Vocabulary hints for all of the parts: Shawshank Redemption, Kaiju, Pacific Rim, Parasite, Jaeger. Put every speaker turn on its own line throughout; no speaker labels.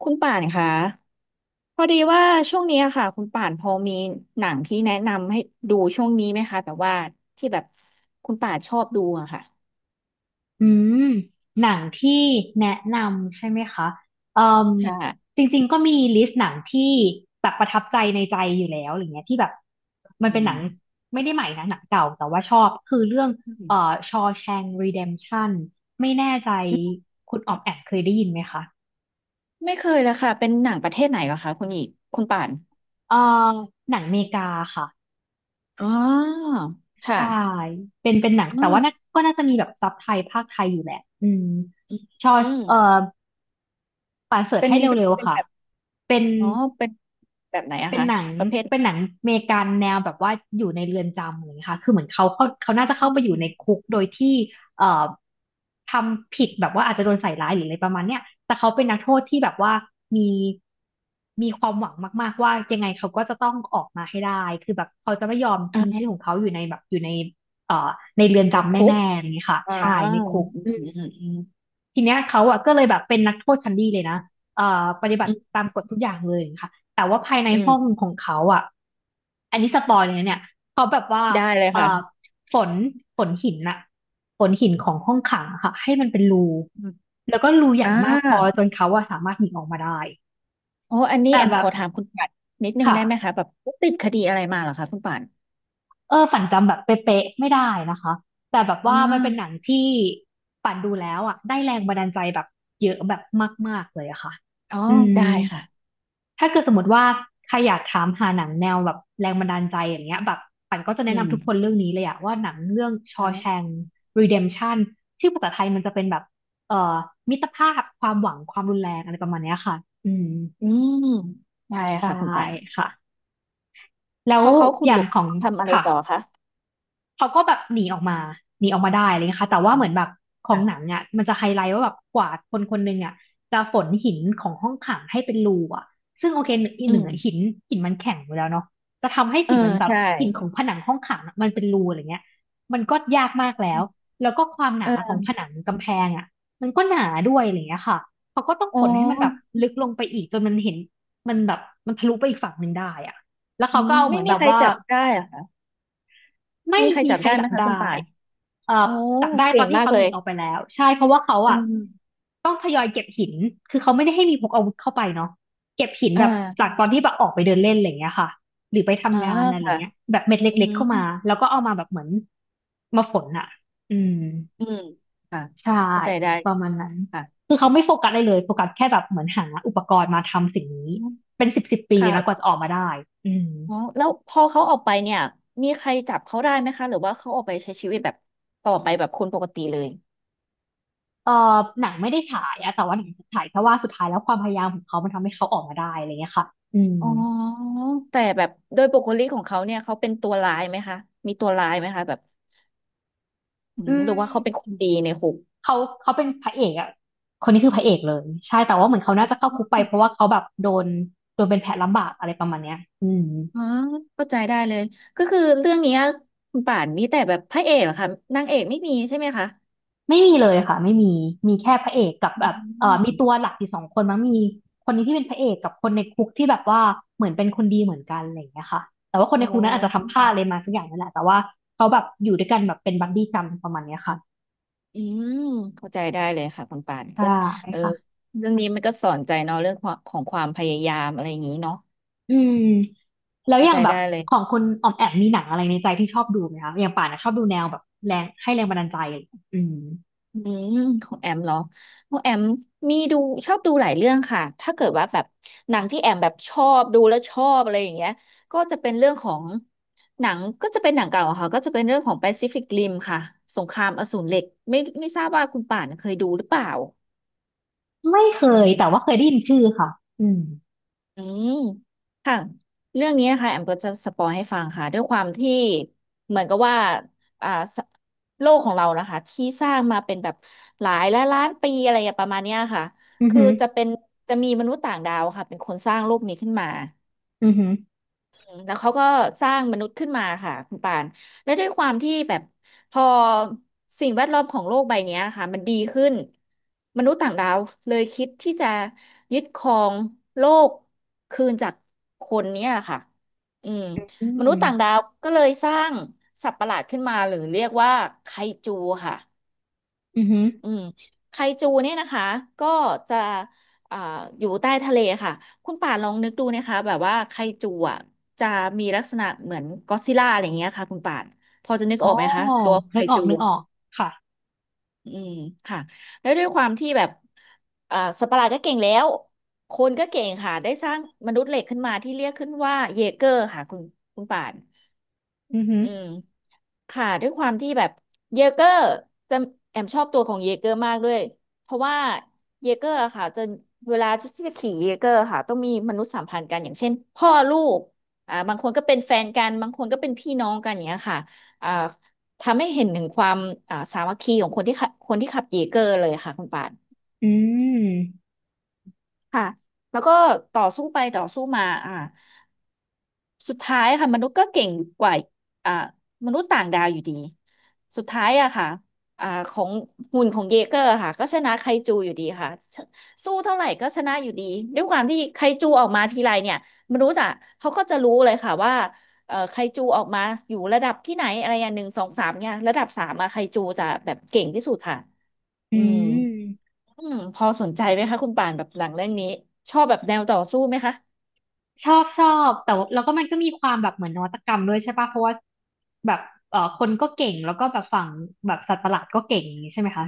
คุณป่านคะพอดีว่าช่วงนี้อะค่ะคุณป่านพอมีหนังที่แนะนำให้ดูช่วงนี้ไหมคะแบบว่าที่แบบคุณป่านชอบดูอะค่ะ
อืมหนังที่แนะนำใช่ไหมคะเอ่ม
ค่ะ
จริงๆก็มีลิสต์หนังที่แบบประทับใจในใจอยู่แล้วอะไรเงี้ยที่แบบมัน
อื
เป็นหนั
ม
งไม่ได้ใหม่นะหนังเก่าแต่ว่าชอบคือเรื่อง
อืม
เอ่อ Shawshank Redemption ไม่แน่ใจคุณออมแอมเคยได้ยินไหมคะ
ไม่เคยเลยค่ะ เป็นหนังประเทศไหนเหรอคะคุณป่าน
เอ่อหนังเมกาค่ะ
อ๋อค่ะ
ใช่เป็นหนัง
อ๋
แต่ว่าน่า
อ
ก็น่าจะมีแบบซับไทยภาคไทยอยู่แหละอืม
อืม
ชอ
อืม
เอ่อป่านเสิร์ช
เป็น
ให้เร็ว
เป็
ๆ
น
ค่ะ
แบบ
เป็น
อ๋อเป็นแบบไหนอะ
เป็น
คะ
หนัง
ประเภท
เป็นหนังอเมริกันแนวแบบว่าอยู่ในเรือนจำเงียค่ะคือเหมือนเขา
อ
น่าจะเข้าไป
ม
อยู่ในคุกโดยที่เอ่อทำผิดแบบว่าอาจจะโดนใส่ร้ายหรืออะไรประมาณเนี้ยแต่เขาเป็นนักโทษที่แบบว่ามีมีความหวังมากๆว่ายังไงเขาก็จะต้องออกมาให้ได้คือแบบเขาจะไม่ยอมทิ้งชื่อ
อ่า
ของเขาอยู่ในแบบอยู่ในเรือน
มี
จำ
คุก
แน่ๆอย่างนี้ยค่ะ
อ่า
ใช่ในคุก
อืมอืมอืม
ทีเนี้ยเขาอ่ะก็เลยแบบเป็นนักโทษชั้นดีเลยนะปฏิบั
อื
ติ
ม
ตามกฎทุกอย่างเลยค่ะแต่ว่าภายใน
อืม
ห้องของเขาอ่ะอันนี้สปอยเลยนะเนี่ยเขาแบบว่า
ได้เลย
เอ่
ค่ะ
อฝนฝนหินน่ะฝนหินของห้องขังอะค่ะให้มันเป็นรู
อืม
แล้วก็รูใหญ่
อ่า
มากพอจนเขาอะสามารถหนีออกมาได้
โอ้อันนี้
แต่
แอม
แบ
ข
บ
อถามคุณป่านนิดนึงได้ไหม
ค่ะ
คะแบบติดคดีอะไรมาเหรอคะคุณป่าน
เออฝันจำแบบเป๊ะๆไม่ได้นะคะแต่แบบว่า
อ๋
มันเป็นหนัง
อ
ที่ปั่นดูแล้วอ่ะได้แรงบันดาลใจแบบเยอะแบบมากๆเลยอะค่ะ
อ๋อ
อื
ได้
ม
ค่ะ
ถ้าเกิดสมมติว่าใครอยากถามหาหนังแนวแบบแรงบันดาลใจอย่างเงี้ยแบบปั่นก็จะ
อื
แนะ
ม
นำทุกคนเรื่องนี้เลยอะว่าหนังเรื่อง
อ๋อ
Shawshank Redemption ชื่อภาษาไทยมันจะเป็นแบบเอ่อมิตรภาพความหวังความรุนแรงอะไรประมาณเนี้ยค่ะอืม
อืมได้
ใช่
ค่ะคุณป่าน
ค่ะแล้
พ
ว
อเขาขุ
อ
ดห
ย่า
ลุ
ง
ม
ของ
ทำอะไร
ค่ะ
ต่อคะ
เขาก็แบบหนีออกมาหนีออกมาได้อะไรเลยค่ะแต่ว่าเหมือนแบบของหนั
ค่ะ
งเนี่ยมันจะไฮไลท์ว่าแบบกว่าคนคนหนึ่งอ่ะจะฝนหินของห้องขังให้เป็นรูอ่ะซึ่งโอเคหนึ่งอีก
อื
หนึ่ง
ม
อะหินหินมันแข็งอยู่แล้วเนาะจะทำให้
เออ
หินมันแบบ
ใช่
หินของผนังห้องขังอะมันเป็นรูอะไรเงี้ยมันก็ยากมากแล้วแล้วก็ความหนาของ
เออ
ผนังกำแพงอ่ะมันก็หนาด้วยอะไรเงี้ยค่ะเขาก็ต้อง
อ๋อ
ฝนให้มันแบบลึกลงไปอีกจนมันเห็นมันแบบมันทะลุไปอีกฝั่งหนึ่งได้อ่ะแล้วเขาก็เอาเห
ไม่
มือน
มี
แบบ
ใคร
ว่า
จับได้เหรอคะ
ไม่
มีใคร
มี
จับ
ใคร
ได้ไห
จั
ม
บ
คะ
ได้
คุณป่าน
เอ่อ
โอ้
จับได้ต
เก่
อน
ง
ที่
มาก
เขา
เล
หนี
ย
ออกไปแล้วใช่เพราะว่าเขา
อื
อ่ะ
ม
ต้องทยอยเก็บหินคือเขาไม่ได้ให้มีพกอาวุธเข้าไปเนาะเก็บหิน
เอ
แบบจา
อ
กตอนที่แบบออกไปเดินเล่นอะไรอย่างเงี้ยค่ะหรือไป
อ๋อ
ทำงานอะไร
ค่ะ
เงี้ยแบบเม็ด
อื
เล็
ม
กๆเข้ามาแล้วก็เอามาแบบเหมือนมาฝนอ่ะอืม
อืมค่ะ
ใช่
เข้าใจได้
ป
เล
ระ
ย
มาณนั้น
ค่ะ
คือเขาไม่โฟกัสอะไรเลยโฟกัสแค่แบบเหมือนหาอุปกรณ์มาทำสิ่งนี้เป็นสิบสิบปีเลยนะกว่า
ค่ะ
จะออกมาได้อืม
อ๋อแล้วพอเขาออกไปเนี่ยมีใครจับเขาได้ไหมคะหรือว่าเขาออกไปใช้ชีวิตแบบต่อไปแบบคนปกติเลย
เออหนังไม่ได้ฉายอะแต่ว่าหนังฉายแค่ว่าสุดท้ายแล้วความพยายามของเขามันทำให้เขาออกมาได้อะไรเงี้ยค่ะอืม
อ๋อแต่แบบโดยปกติของเขาเนี่ยเขาเป็นตัวร้ายไหมคะมีตัวร้ายไหมคะแบบอื
อื
มหรือว่าเขาเป็นค
ม
นดีในคุก
เขาเขาเป็นพระเอกอะคนนี้คือพระเอกเลยใช่แต่ว่าเหมือนเขาน่าจะเข้าคุกไปเพราะว่าเขาแบบโดนโดนเป็นแผลลำบากอะไรประมาณเนี้ยอืม
อ๋อเข้าใจได้เลยก็คือเรื่องเนี้ยคุณป่านมีแต่แบบพระเอกเหรอคะนางเอกไม่มีใช่ไหมคะ
ไม่มีเลยค่ะไม่มีมีแค่พระเอกกับ
อื
แบบมีตัว
ม
หลักอยู่สองคนมั้งมีคนนี้ที่เป็นพระเอกกับคนในคุกที่แบบว่าเหมือนเป็นคนดีเหมือนกันอะไรอย่างเงี้ยค่ะแต่ว่าคน
อ๋
ในคุ
อ
กนั้นอาจจะทำพลาดอะไรมาสักอย่างนั่นแหละแต่ว่าเขาแบบอยู่ด้วยกันแบบเป็นบัดดี้กันประมาณเนี้ยค่ะ
อืมเข้าใจได้เลยค่ะคุณป่าน
ใช่
ก็เออ
ค่ะ
เรื่องนี้มันก็สอนใจเนาะเรื่องความของความพยายามอะไรอย่างนี้เนาะ
อืมแล้ว
เข้า
อย่า
ใจ
งแบ
ได้
บ
เลย
ของคุณออมแอมมีหนังอะไรในใจที่ชอบดูไหมคะอย่างป่านนะชอบดูแนวแบบแรงให้แรงบันดาลใจอะไรอย่างเงี้ยอืม
อืมของแอมเหรอของแอมมีดูชอบดูหลายเรื่องค่ะถ้าเกิดว่าแบบหนังที่แอมแบบชอบดูแล้วชอบอะไรอย่างเงี้ยก็จะเป็นเรื่องของหนังก็จะเป็นหนังเก่าอะค่ะก็จะเป็นเรื่องของ Pacific Rim ค่ะสงครามอสูรเหล็กไม่ทราบว่าคุณป่านเคยดูหรือเปล่า
ไม่เค
อื
ยแต่
ม
ว่าเคยได้ยินชื่อค่ะอืม
อืมค่ะ เรื่องนี้นะคะแอมก็จะสปอยให้ฟังค่ะด้วยความที่เหมือนกับว่าอ่าสโลกของเรานะคะที่สร้างมาเป็นแบบหลายล้านล้านปีอะไรอย่างประมาณเนี้ยค่ะ
อือ
คือ
หือ
จะเป็นจะมีมนุษย์ต่างดาวค่ะเป็นคนสร้างโลกนี้ขึ้นมา
อือหือ
แล้วเขาก็สร้างมนุษย์ขึ้นมาค่ะคุณปานและด้วยความที่แบบพอสิ่งแวดล้อมของโลกใบเนี้ยค่ะมันดีขึ้นมนุษย์ต่างดาวเลยคิดที่จะยึดครองโลกคืนจากคนเนี้ยค่ะอืม
อื
มนุษย์ต่าง
ม
ดาวก็เลยสร้างสัตว์ประหลาดขึ้นมาหรือเรียกว่าไคจูค่ะ
อือหือ
อืมไคจูเนี่ยนะคะก็จะอ่าอยู่ใต้ทะเลค่ะคุณป่านลองนึกดูนะคะแบบว่าไคจูอ่ะจะมีลักษณะเหมือนก็อดซิลล่าอะไรอย่างเงี้ยค่ะคุณป่านพอจะนึก
อ๋
อ
อ
อกไหมคะตัวไค
นึกออ
จู
กนึกออกค่ะ
อืมค่ะแล้วด้วยความที่แบบอ่าสัตว์ประหลาดก็เก่งแล้วคนก็เก่งค่ะได้สร้างมนุษย์เหล็กขึ้นมาที่เรียกขึ้นว่าเยเกอร์ค่ะคุณป่าน
อือหือ
อืม ค่ะด้วยความที่แบบเยเกอร์จะแอมชอบตัวของเยเกอร์มากด้วยเพราะว่าเยเกอร์อะค่ะจะเวลาที่จะขี่เยเกอร์ค่ะต้องมีมนุษยสัมพันธ์กันอย่างเช่นพ่อลูกอ่าบางคนก็เป็นแฟนกันบางคนก็เป็นพี่น้องกันอย่างเงี้ยค่ะอ่าทำให้เห็นถึงความอ่าสามัคคีของคนที่ขับเยเกอร์เลยค่ะคุณป่าน
อืม
ค่ะแล้วก็ต่อสู้ไปต่อสู้มาอ่า สุดท้ายค่ะมนุษย์ก็เก่งกว่าอ่ามนุษย์ต่างดาวอยู่ดีสุดท้ายอะค่ะอ่าของหุ่นของเยเกอร์ค่ะก็ชนะไคจูอยู่ดีค่ะสู้เท่าไหร่ก็ชนะอยู่ดีด้วยความที่ไคจูออกมาทีไรเนี่ยมนุษย์อะเขาก็จะรู้เลยค่ะว่าเอ่อไคจูออกมาอยู่ระดับที่ไหนอะไรอย่าง1 2 3 เนี่ยระดับสามอะไคจูจะแบบเก่งที่สุดค่ะ
อื
อืม
ม
อืมพอสนใจไหมคะคุณป่านแบบหนังเรื่องนี้ชอบแบบแนวต่อสู้ไหมคะ
ชอบชอบแต่ว่าแล้วก็มันก็มีความแบบเหมือนนวัตกรรมด้วยใช่ป่ะเพราะว่าแบบคนก็เก่งแล้วก็แบบฝั่งแบบสัตว์ประหลาดก็เก่งอย่างงี้ใช่ไหมคะ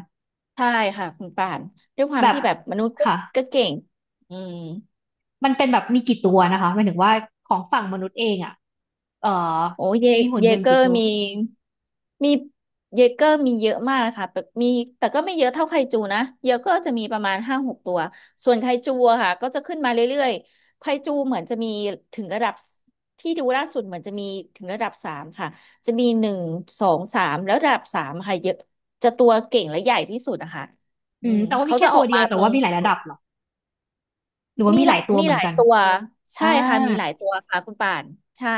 ใช่ค่ะคุณป่านด้วยควา
แบ
ม
บ
ที่แบบมนุษย์
ค่ะ
ก็เก่งอืม
มันเป็นแบบมีกี่ตัวนะคะหมายถึงว่าของฝั่งมนุษย์เองอ่ะเอ่อ
โอ้เย
มีหุ่น
เย
ยน
เก
ต์
อ
กี่
ร์
ตัว
มีมีเยเกอร์มีเยอะมากนะคะแบบมีแต่ก็ไม่เยอะเท่าไคจูนะเยเกอร์จะมีประมาณ5-6 ตัวส่วนไคจูอะค่ะก็จะขึ้นมาเรื่อยๆไคจูเหมือนจะมีถึงระดับที่ดูล่าสุดเหมือนจะมีถึงระดับสามค่ะจะมีหนึ่งสองสามแล้วระดับสามค่ะเยอะจะตัวเก่งและใหญ่ที่สุดอะค่ะอื
อืม
ม
แต่ว่ามี
เขา
แค่
จะอ
ตั
อ
ว
ก
เดีย
มา
ว
ต
แต่
รง
ว่ามีหลายระดับเหรอหรือว่า
มี
มี
ห
ห
ละ
ลายตัว
มี
เหมื
ห
อน
ลาย
กัน
ตัวใช่
อ่า
ค่ะมีหลายตัวค่ะคุณป่านใช่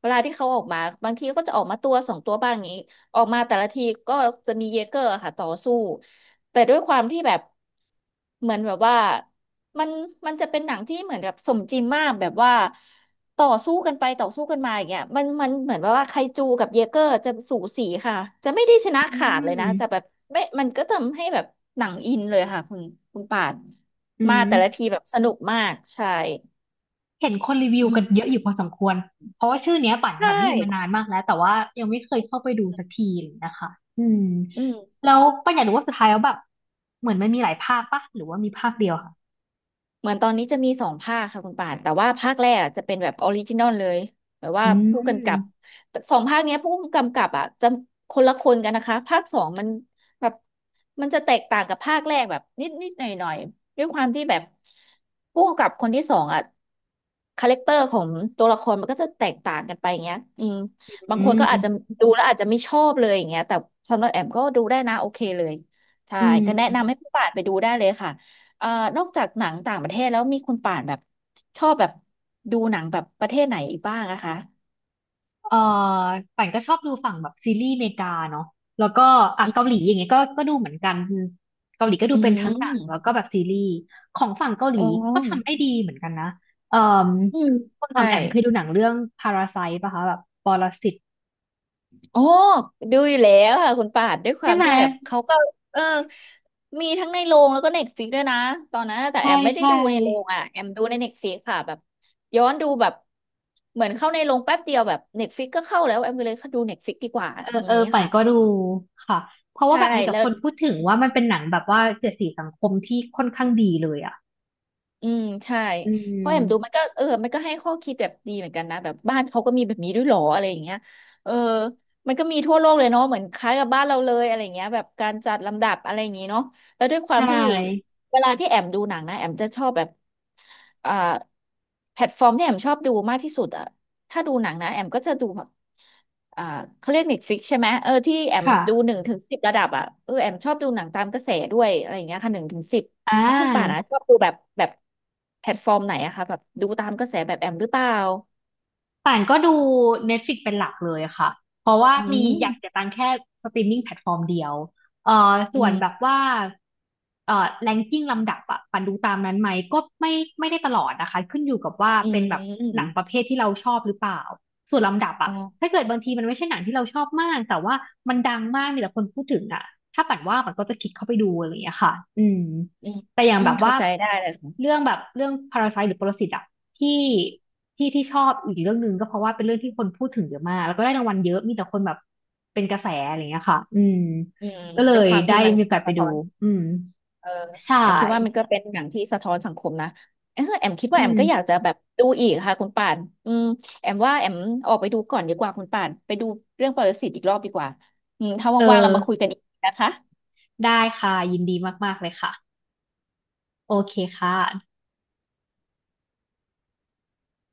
เวลาที่เขาออกมาบางทีก็จะออกมาตัวสองตัวบ้างอย่างนี้ออกมาแต่ละทีก็จะมีเยเกอร์ค่ะต่อสู้แต่ด้วยความที่แบบเหมือนแบบว่ามันมันจะเป็นหนังที่เหมือนแบบสมจริงมากแบบว่าต่อสู้กันไปต่อสู้กันมาอย่างเงี้ยมันเหมือนแบบว่าไคจูกับเยเกอร์จะสูสีค่ะจะไม่ได้ชนะ
อื
ขาด
ม
เลยนะจะแบบไม่มันก็ทำให้แบบหนังอินเลยค่ะคุณป่าน
อื
มา
ม
แต่ละทีแบบสนุกมากใช่
เห็นคนรีวิว
อื
กันเย
ม
อะอยู่พอสมควรเพราะว่าชื่อเนี้ยปั่น
ใช่
ปั่นได้ยินมานานมากแล้วแต่ว่ายังไม่เคยเข้าไปดูสักทีเลยนะคะอืม
อืม
แล้วปั่นอยากรู้ว่าสุดท้ายแล้วแบบเหมือนมันมีหลายภาคปะหรือว่ามีภาคเดียวค่ะ
เหมือนตอนนี้จะมีสองภาคค่ะคุณป่านแต่ว่าภาคแรกอะจะเป็นแบบออริจินอลเลยแบบว่า
อื
ผู้กำกับ
ม
แต่สองภาคเนี้ยผู้กำกับอ่ะจะคนละคนกันนะคะภาคสองมันแบบมันจะแตกต่างกับภาคแรกแบบนิดนิดหน่อยหน่อยๆด้วยความที่แบบผู้กำกับคนที่สองอ่ะคาแรคเตอร์ของตัวละครมันก็จะแตกต่างกันไปอย่างเงี้ยอืมบาง
อื
คนก็อาจจะ
ม
ดูแล้วอาจจะไม่ชอบเลยอย่างเงี้ยแต่สำหรับแอมก็ดูได้นะโอเคเลยใช่
อื
ก็แนะ
ม
นำให้ผู้ป่านไปดูได้เลยค่ะ เอ่อนอกจากหนังต่างประเทศแล้วมีคุณป่านแบบชอบแบบดูหนังแบบประเทศไหนอีกบ้างนะคะ
เออป่านก็ชอบดูฝั่งแบบซีรีส์อเมริกาเนาะแล้วก็อ่ะเกาหลีอย่างเงี้ยก็ดูเหมือนกันเกาหลีก็ดู
อื
เป็นทั้งหนังแล้วก็
ม
แบบซีรีส์ของฝั่งเกาหลี
อ๋อ
ก็ทำได้ดีเหมือนกันนะเอ่อ
อืม
คุณออ
ใช่
มแอมเคยดูหนังเรื่องพาราไซต์ป่ะคะแบบปรสิต
โอ้ดูอยู่แล้วค่ะคุณป่านด้วยค
ใช่
วาม
ไหม
ที่แบบเขาก็เออมีทั้งในโรงแล้วก็เน็ตฟิกด้วยนะตอนนั้นแต่แอ
ใช่
มไม่ได้
ใช่
ดูในโรงอ่ะแอมดูในเน็ตฟ i ิกค่ะแบบย้อนดูแบบเหมือนเข้าในโรงแป๊บเดียวแบบเน็ตฟ i ิกก็เข้าแล้วแอมก็เลยดูเน็ตฟ i ิกดีกว่า
เออ
อย่า
เอ
ง
อ
นี้
ป่าน
ค่ะ
ก็ดูค่ะเพราะว่า
ใช่
แบบมีแต่
แล้
ค
ว
นพูดถึงว่ามันเป็นหนังแบบว่าเสียดสีสังคมที่ค่อนข้างดีเลยอ่ะ
อืมใช่
อื
เพราะแอมดูมั
ม
นก็เออมันก็ให้ข้อคิดแบบดีเหมือนกันนะแบบบ้านเขาก็มีแบบนี้ด้วยเหรออะไรอย่างเงี้ยเออมันก็มีทั่วโลกเลยเนาะเหมือนคล้ายกับบ้านเราเลยอะไรอย่างเงี้ยแบบการจัดลำดับอะไรอย่างงี้เนาะแล้วด้วยความ
ใช่
ที่เวลาที่แอมดูหนังนะแอมจะชอบแบบอ่าแพลตฟอร์มที่แอมชอบดูมากที่สุดอะถ้าดูหนังนะแอมก็จะดูแบบอ่าเขาเรียกเฟิกใช่ไหมเออที่แอม
ค่ะ
ดูหนึ่งถึงสิบระดับอะเออแอมชอบดูหนังตามกระแสด้วยอะไรอย่างเงี้ยค่ะหนึ่งถึงสิบ
อ่
แล้วคุณป่านะช
า
อบดูแบบแบบแพลตฟอร์มไหนอะคะแบบดูตามกระแสแบบแอมหรือเปล่า
ป่านก็ดู Netflix เป็นหลักเลยค่ะ เพราะว่า
อื
มีอยากเสีย
ม
ตังค์แค่สตรีมมิ่งแพลตฟอร์มเดียว
อื
ส่วนแบบ
ม
ว่าแรงกิ้งลำดับอะป่านดูตามนั้นไหมก็ไม่ไม่ได้ตลอดนะคะขึ้นอยู่กับว่า
อื
เป็นแบบหนั
ม
งประเภทที่เราชอบหรือเปล่าส่วนลำดับ
อ๋
อะ
อ
ถ้าเกิดบางทีมันไม่ใช่หนังที่เราชอบมากแต่ว่ามันดังมากมีแต่คนพูดถึงอะถ้าป่านว่าป่านก็จะคลิกเข้าไปดูอะไรอย่างเงี้ยค่ะอืม
อืม
แต่อย่าง
อื
แบ
ม
บว่า
เข้าใจได้เลย
เรื่
ค่ะ
องแบบเรื่องพาราไซต์หรือปรสิตอะที่ที่ที่ชอบอีกเรื่องหนึ่งก็เพราะว่าเป็นเรื่องที่คนพูดถึงเยอะมากแล้วก็ได้รางวัลเยอะมีแต่คนแบบเป็นกระแสอะไรอย่างเงี้ยค่ะอืม
อืม
ก็เล
ด้วย
ย
ความ
ได้
ที่มัน
มีโอกาสไป
สะ
ดู
ท้อน
อืม
เออ
ใช่
แอมคิดว่ามันก็เป็นหนังที่สะท้อนสังคมนะเออแอมคิด
อื
ว่าแอม
ม
ก็อยากจะแบบดูอีกค่ะคุณป่านอืมแอมว่าแอมออกไปดูก่อนดีกว่าคุณป่านไปดูเรื่องปรสิตอีกรอบดีกว่าอืมถ้า
เออ
ว่างๆเรามาคุยกันอีกนะคะ
ได้ค่ะยินดีมากๆเลยค่ะโอเคค่ะ